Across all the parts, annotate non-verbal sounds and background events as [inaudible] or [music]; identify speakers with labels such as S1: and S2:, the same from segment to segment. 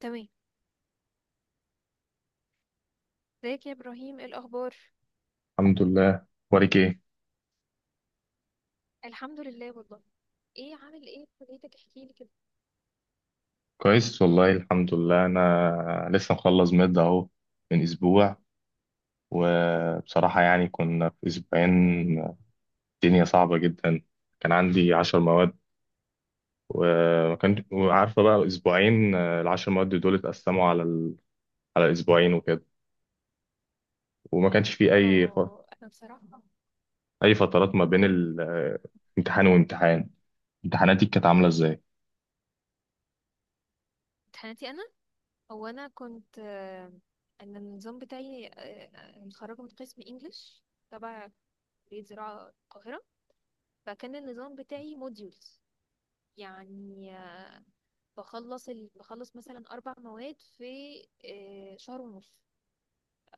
S1: تمام. ازيك يا ابراهيم؟ ايه الاخبار؟
S2: الحمد لله. واريك ايه؟
S1: الحمد لله والله. ايه عامل ايه في كليتك؟ احكي لي كده.
S2: كويس، والله الحمد لله. انا لسه مخلص مد اهو من اسبوع. وبصراحة يعني كنا في اسبوعين الدنيا صعبة جدا. كان عندي 10 مواد، وما كان وعارفة بقى اسبوعين. العشر مواد دول اتقسموا على اسبوعين وكده. وما كانش في
S1: اه، انا بصراحه.
S2: اي فترات ما بين
S1: قول.
S2: امتحان وامتحان. امتحاناتي كانت عاملة ازاي؟
S1: امتحاناتي انا، انا كنت انا النظام بتاعي متخرجه من قسم انجليش، تبع كليه زراعه القاهره. فكان النظام بتاعي موديولز، يعني بخلص بخلص مثلا اربع مواد في شهر ونص،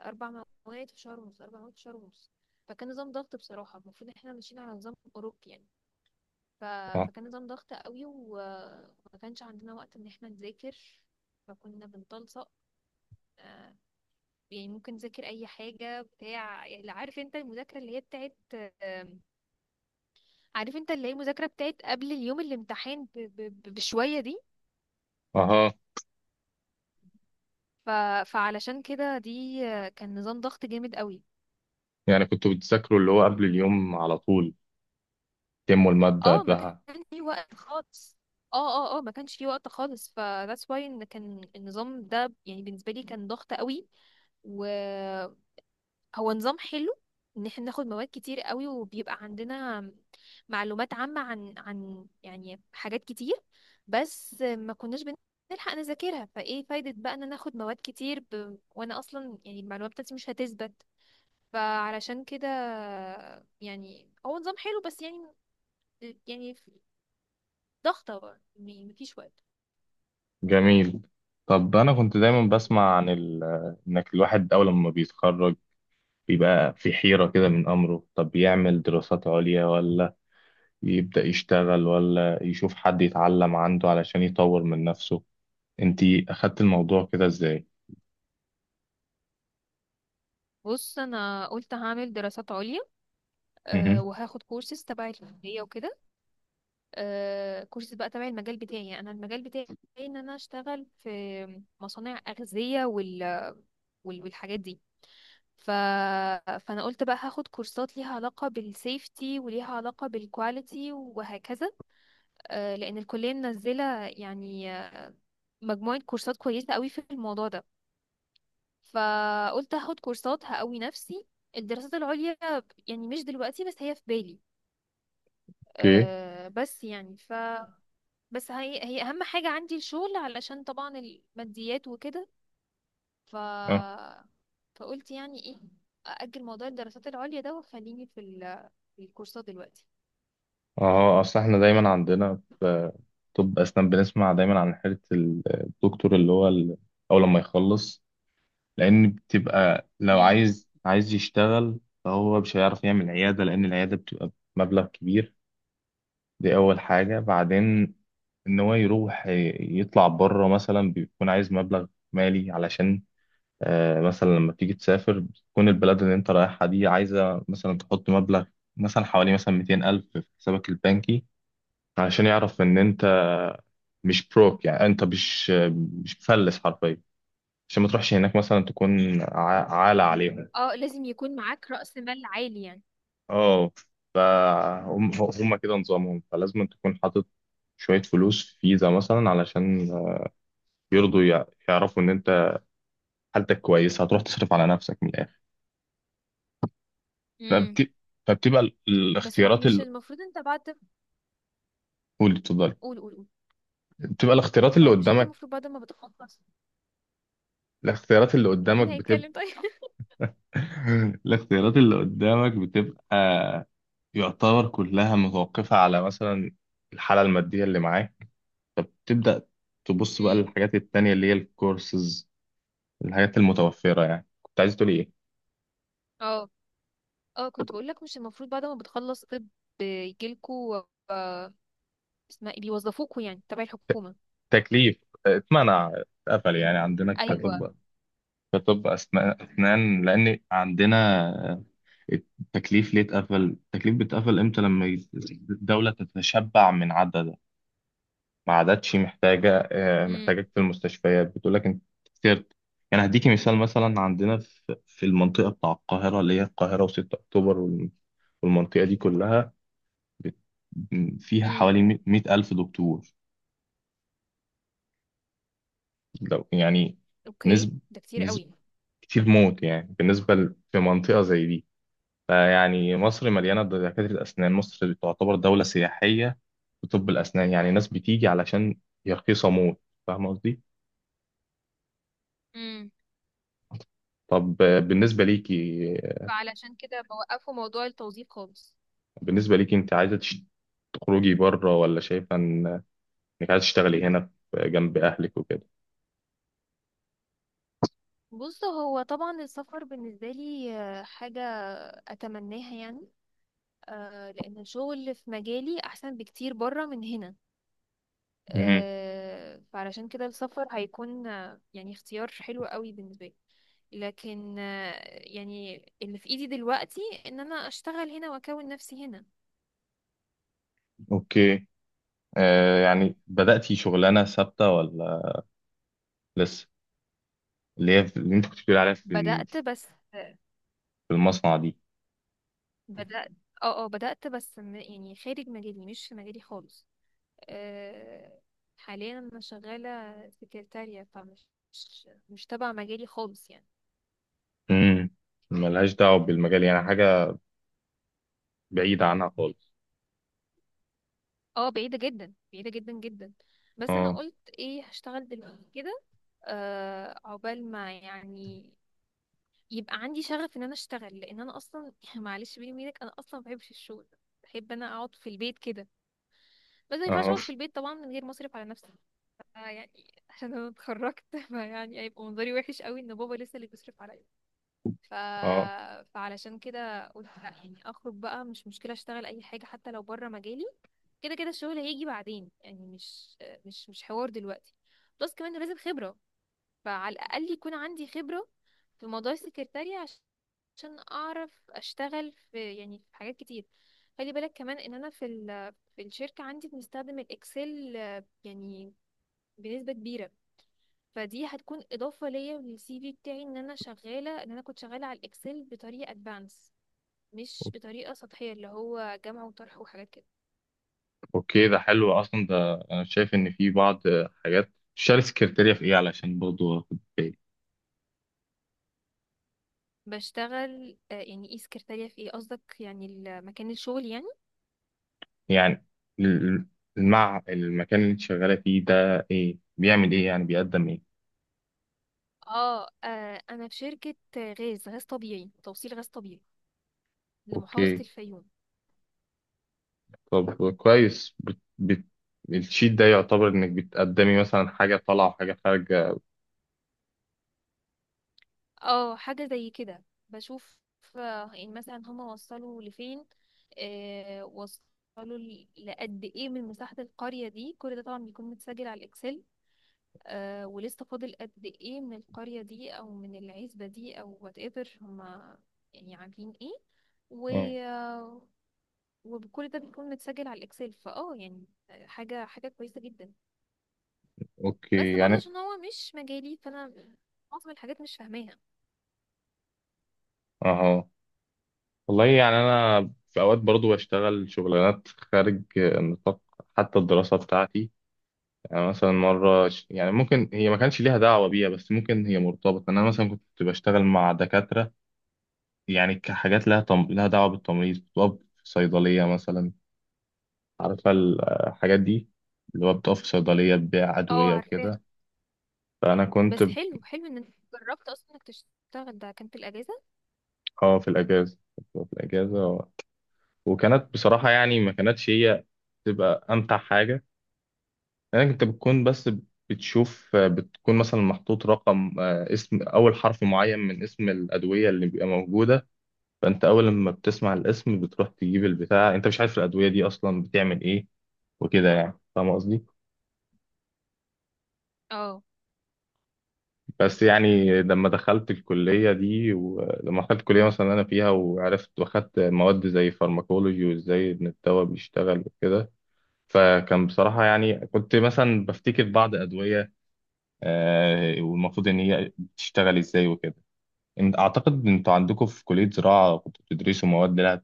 S1: اربع مواد في شهر ونص، اربع مواد في شهر ونص. فكان نظام ضغط بصراحه، المفروض ان احنا ماشيين على نظام اوروبي يعني. ف...
S2: اه.
S1: فكان نظام ضغط قوي، وما كانش عندنا وقت ان احنا نذاكر. فكنا بنتلصق، آه، يعني ممكن نذاكر اي حاجه بتاع، يعني عارف انت المذاكره اللي هي بتاعت، آم، عارف انت اللي هي المذاكره بتاعت قبل اليوم الامتحان بشويه دي.
S2: اها.
S1: ف... فعلشان كده دي كان نظام ضغط جامد قوي.
S2: يعني كنتوا بتذاكروا اللي هو قبل اليوم على طول، تموا المادة
S1: اه، ما
S2: قبلها؟
S1: كانش في وقت خالص. اه اه، ما كانش في وقت خالص، ف that's why ان كان النظام ده يعني بالنسبه لي كان ضغط قوي. وهو نظام حلو ان احنا ناخد مواد كتير قوي، وبيبقى عندنا معلومات عامه عن يعني حاجات كتير، بس ما كناش بنلحق نذاكرها. فايه فايده بقى ان انا اخد مواد كتير، وانا اصلا يعني المعلومات بتاعتي مش هتثبت. فعلشان كده، يعني هو نظام حلو بس يعني، يعني ضغطة برضه، يعني مفيش وقت.
S2: جميل. طب انا كنت دايما بسمع عن انك الواحد اول ما بيتخرج بيبقى في حيرة كده من امره، طب يعمل دراسات عليا ولا يبدأ يشتغل ولا يشوف حد يتعلم عنده علشان يطور من نفسه. انتي اخدت الموضوع كده ازاي؟
S1: بص، انا قلت هعمل دراسات عليا، أه،
S2: مهم.
S1: وهاخد كورسز تبع الكليه وكده. أه، كورسز بقى تبع المجال بتاعي. يعني انا المجال بتاعي ان انا اشتغل في مصانع اغذيه والحاجات دي. ف... فانا قلت بقى هاخد كورسات ليها علاقه بالسيفتي وليها علاقه بالكواليتي وهكذا. أه، لان الكليه منزله يعني مجموعه كورسات كويسه قوي في الموضوع ده، فقلت هاخد كورسات هقوي نفسي. الدراسات العليا يعني مش دلوقتي، بس هي في بالي.
S2: اوكي.
S1: أه، بس يعني، ف، بس هي اهم حاجة عندي الشغل، علشان طبعا الماديات وكده. ف
S2: اه،
S1: فقلت يعني ايه، أأجل موضوع الدراسات العليا ده وخليني في في الكورسات دلوقتي.
S2: اه، اصل احنا دايما عندنا في طب اسنان بنسمع دايما عن حيرة الدكتور اللي هو اول ما يخلص. لان بتبقى لو
S1: امم.
S2: عايز يشتغل فهو مش هيعرف يعمل عياده، لان العياده بتبقى مبلغ كبير. دي اول حاجه. بعدين ان هو يروح يطلع بره مثلا بيكون عايز مبلغ مالي علشان، مثلا لما تيجي تسافر بتكون البلد اللي انت رايحها دي عايزه مثلا تحط مبلغ، مثلا حوالي مثلا 200 ألف في حسابك البنكي، علشان يعرف ان انت مش بروك، يعني انت مش مفلس حرفيا، عشان ما تروحش هناك مثلا تكون عالة عليهم.
S1: اه، لازم يكون معاك رأس مال عالي يعني.
S2: اه. فهم. هم كده نظامهم، فلازم تكون حاطط شوية فلوس في فيزا مثلا علشان يرضوا يعرفوا إن أنت حالتك كويسة هتروح تصرف على نفسك من الآخر.
S1: امم.
S2: فبت... فبتبقى
S1: بس هو
S2: الاختيارات
S1: مش
S2: اللي،
S1: المفروض انت بعد،
S2: قولي اتفضلي.
S1: قول قول قول.
S2: بتبقى الاختيارات اللي
S1: هو مش انت
S2: قدامك،
S1: المفروض بعد ما بتخلص،
S2: الاختيارات اللي قدامك
S1: مين
S2: بتبقى.
S1: هيتكلم طيب؟ [laughs]
S2: [laughs] الاختيارات اللي قدامك بتبقى يعتبر كلها متوقفة على مثلا الحالة المادية اللي معاك. فبتبدأ تبص بقى
S1: امم.
S2: للحاجات التانية اللي هي الكورسز، الحاجات المتوفرة. يعني كنت عايز تقولي إيه؟
S1: اه اه، كنت بقول لك، مش المفروض بعد ما بتخلص طب يجيلكوا آه، اسمها ايه، بيوظفوكوا يعني تبع الحكومة؟
S2: تكليف، اتمنع، اتقفل، يعني عندنا
S1: ايوه.
S2: كطب أسنان لأن عندنا التكليف ليه اتقفل. التكليف بيتقفل إمتى لما الدولة تتشبع من عددها، ما عادتش محتاجة آه،
S1: امم.
S2: محتاجك في المستشفيات، بتقول لك أنت سرت. يعني هديكي مثال، مثلا عندنا في المنطقة بتاع القاهرة اللي هي القاهرة وستة أكتوبر والمنطقة دي كلها بت- فيها
S1: امم.
S2: حوالي 100 ألف دكتور. لو يعني
S1: اوكي،
S2: نسب
S1: ده كتير
S2: نسب
S1: قوي.
S2: كتير موت يعني بالنسبة في منطقة زي دي. فيعني مصر مليانة دكاترة أسنان، مصر تعتبر دولة سياحية في طب الأسنان، يعني ناس بتيجي علشان هي رخيصة موت. فاهم قصدي؟
S1: امم.
S2: طب
S1: فعلشان كده بوقفوا موضوع التوظيف خالص.
S2: بالنسبة ليكي أنت عايزة تخرجي بره، ولا شايفة إنك عايزة تشتغلي هنا جنب أهلك وكده؟
S1: بص، هو طبعا السفر بالنسبة لي حاجة أتمناها يعني. لأن الشغل في مجالي أحسن بكتير برا من هنا.
S2: مهم.
S1: فعلشان كده السفر هيكون يعني اختيار حلو قوي بالنسبة لي. لكن يعني اللي في ايدي دلوقتي ان انا اشتغل هنا واكون نفسي هنا.
S2: أوكي. يعني بدأتي شغلانة ثابتة ولا لسه؟ اللي هي اللي أنت كنت بتقولي عليها في
S1: بدأت بس.
S2: في المصنع دي.
S1: بدأت. اه، بدأت بس، يعني خارج مجالي، مش في مجالي خالص. أه، حاليا انا شغالة سكرتارية، فمش مش مش تبع مجالي خالص يعني.
S2: امم ملهاش دعوة بالمجال، يعني حاجة بعيدة عنها خالص.
S1: اه، بعيدة جدا، بعيدة جدا جدا. بس انا
S2: اه،
S1: قلت ايه، هشتغل دلوقتي كده. أه، عقبال ما يعني يبقى عندي شغف ان انا اشتغل. لان انا اصلا [laughs] معلش بيني وبينك، انا اصلا ما بحبش الشغل. بحب انا اقعد في البيت كده، بس ما ينفعش
S2: اه،
S1: اقعد في البيت طبعا من غير مصرف على نفسي. يعني عشان انا اتخرجت [laughs] فيعني هيبقى منظري وحش قوي ان بابا لسه اللي بيصرف عليا. ف...
S2: اه.
S1: فعلشان كده قلت لا، يعني اخرج بقى، مش مشكله اشتغل اي حاجه حتى لو بره مجالي. كده كده الشغل هيجي بعدين، يعني مش، مش حوار دلوقتي. بلس كمان لازم خبره، فعلى الأقل يكون عندي خبرة في موضوع السكرتارية عشان أعرف أشتغل في يعني في حاجات كتير. خلي بالك كمان إن أنا في ال في الشركة عندي بنستخدم الإكسل يعني بنسبة كبيرة. فدي هتكون إضافة ليا للسي في بتاعي إن أنا شغالة، إن أنا كنت شغالة على الإكسل بطريقة أدفانس، مش بطريقة سطحية اللي هو جمع وطرح وحاجات كده.
S2: اوكي، ده حلو اصلا، ده انا شايف ان في بعض حاجات شال سكرتيريا في ايه علشان برضه اخد بالي.
S1: بشتغل يعني ايه سكرتارية في ايه قصدك، يعني مكان الشغل يعني؟
S2: يعني ال- المع المكان اللي انت شغالة فيه ده ايه، بيعمل ايه، يعني بيقدم ايه؟
S1: اه. انا في شركة غاز طبيعي، توصيل غاز طبيعي لمحافظة
S2: اوكي.
S1: الفيوم.
S2: طب كويس. الشيت ده يعتبر انك بتقدمي مثلا حاجة طالعة وحاجة خارجة؟
S1: اه، حاجة زي كده. بشوف آه، يعني مثلا هما وصلوا لفين، آه وصلوا لقد ايه من مساحة القرية دي. كل ده طبعا بيكون متسجل على الاكسل. آه، ولسه فاضل قد ايه من القرية دي او من العزبة دي او وات ايفر هما يعني عاملين ايه. و...
S2: اه.
S1: آه، وكل ده بيكون متسجل على الاكسل، فاه يعني حاجة كويسة جدا.
S2: اوكي،
S1: بس برضه
S2: يعني
S1: عشان هو مش مجالي، فانا معظم الحاجات مش فاهماها.
S2: اهو. والله يعني أنا في أوقات برضو بشتغل شغلانات خارج نطاق حتى الدراسة بتاعتي. يعني مثلا يعني ممكن هي ما كانش ليها دعوة بيها، بس ممكن هي مرتبطة، أنا مثلا كنت بشتغل مع دكاترة. يعني كحاجات لها دعوة بالتمريض، كنت بقف في صيدلية مثلا. عارفة الحاجات دي، اللي هو بتقف في صيدلية تبيع
S1: اه
S2: أدوية
S1: عارفاها.
S2: وكده. فأنا كنت
S1: بس
S2: ب-
S1: حلو حلو ان انت جربت اصلا انك تشتغل، ده كان في الاجازه.
S2: اه في الأجازة كنت بقف في الأجازة وكانت بصراحة يعني ما كانتش هي تبقى أمتع حاجة. يعني انت بتكون بس بتشوف، بتكون مثلا محطوط رقم آه، اسم اول حرف معين من اسم الادويه اللي بيبقى موجوده. فانت اول لما بتسمع الاسم بتروح تجيب البتاع، انت مش عارف الادويه دي اصلا بتعمل ايه وكده، يعني فاهم قصدي.
S1: اه
S2: بس يعني لما دخلت الكليه دي، ولما دخلت الكليه مثلا اللي انا فيها وعرفت واخدت مواد زي فارماكولوجي وازاي ان الدواء بيشتغل وكده، فكان بصراحه يعني كنت مثلا بفتكر بعض ادويه، والمفروض ان هي بتشتغل ازاي وكده. اعتقد انتوا عندكم في كلية زراعة كنتوا بتدرسوا مواد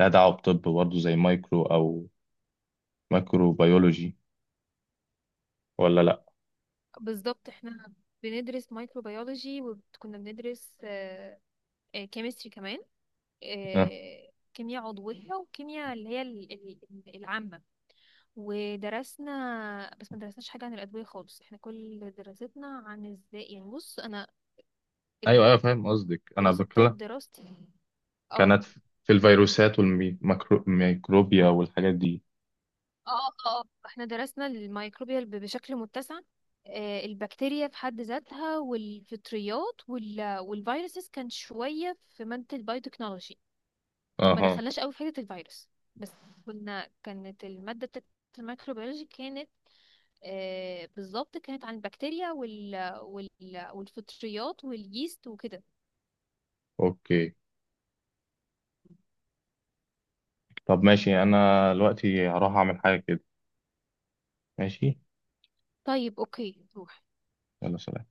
S2: لها دعوة بطب برضه زي مايكرو او مايكرو بيولوجي، ولا لا؟
S1: بالظبط، احنا بندرس مايكروبيولوجي وكنا بندرس كيمستري كمان،
S2: أه.
S1: كيمياء عضويه وكيمياء اللي هي العامه. ودرسنا، بس ما درسناش حاجه عن الادويه خالص. احنا كل دراستنا عن ازاي يعني، بص انا
S2: ايوه، ايوه، فاهم قصدك. انا
S1: الخلاصه بتاعت
S2: بتكلم،
S1: دراستي، اه
S2: كانت في الفيروسات والميكروبيا والحاجات دي.
S1: اه، احنا درسنا الميكروبيال بشكل متسع. البكتيريا في حد ذاتها والفطريات والفيروسز كان شوية في مادة البايوتكنولوجي. ما
S2: اها.
S1: دخلناش قوي في حتة الفيروس، بس كنا، كانت المادة بتاعت الميكروبيولوجي كانت بالظبط كانت عن البكتيريا والفطريات واليست وكده.
S2: اوكي، طب ماشي، انا دلوقتي هروح اعمل حاجة كده، ماشي.
S1: طيب اوكي، روح.
S2: يلا، سلام.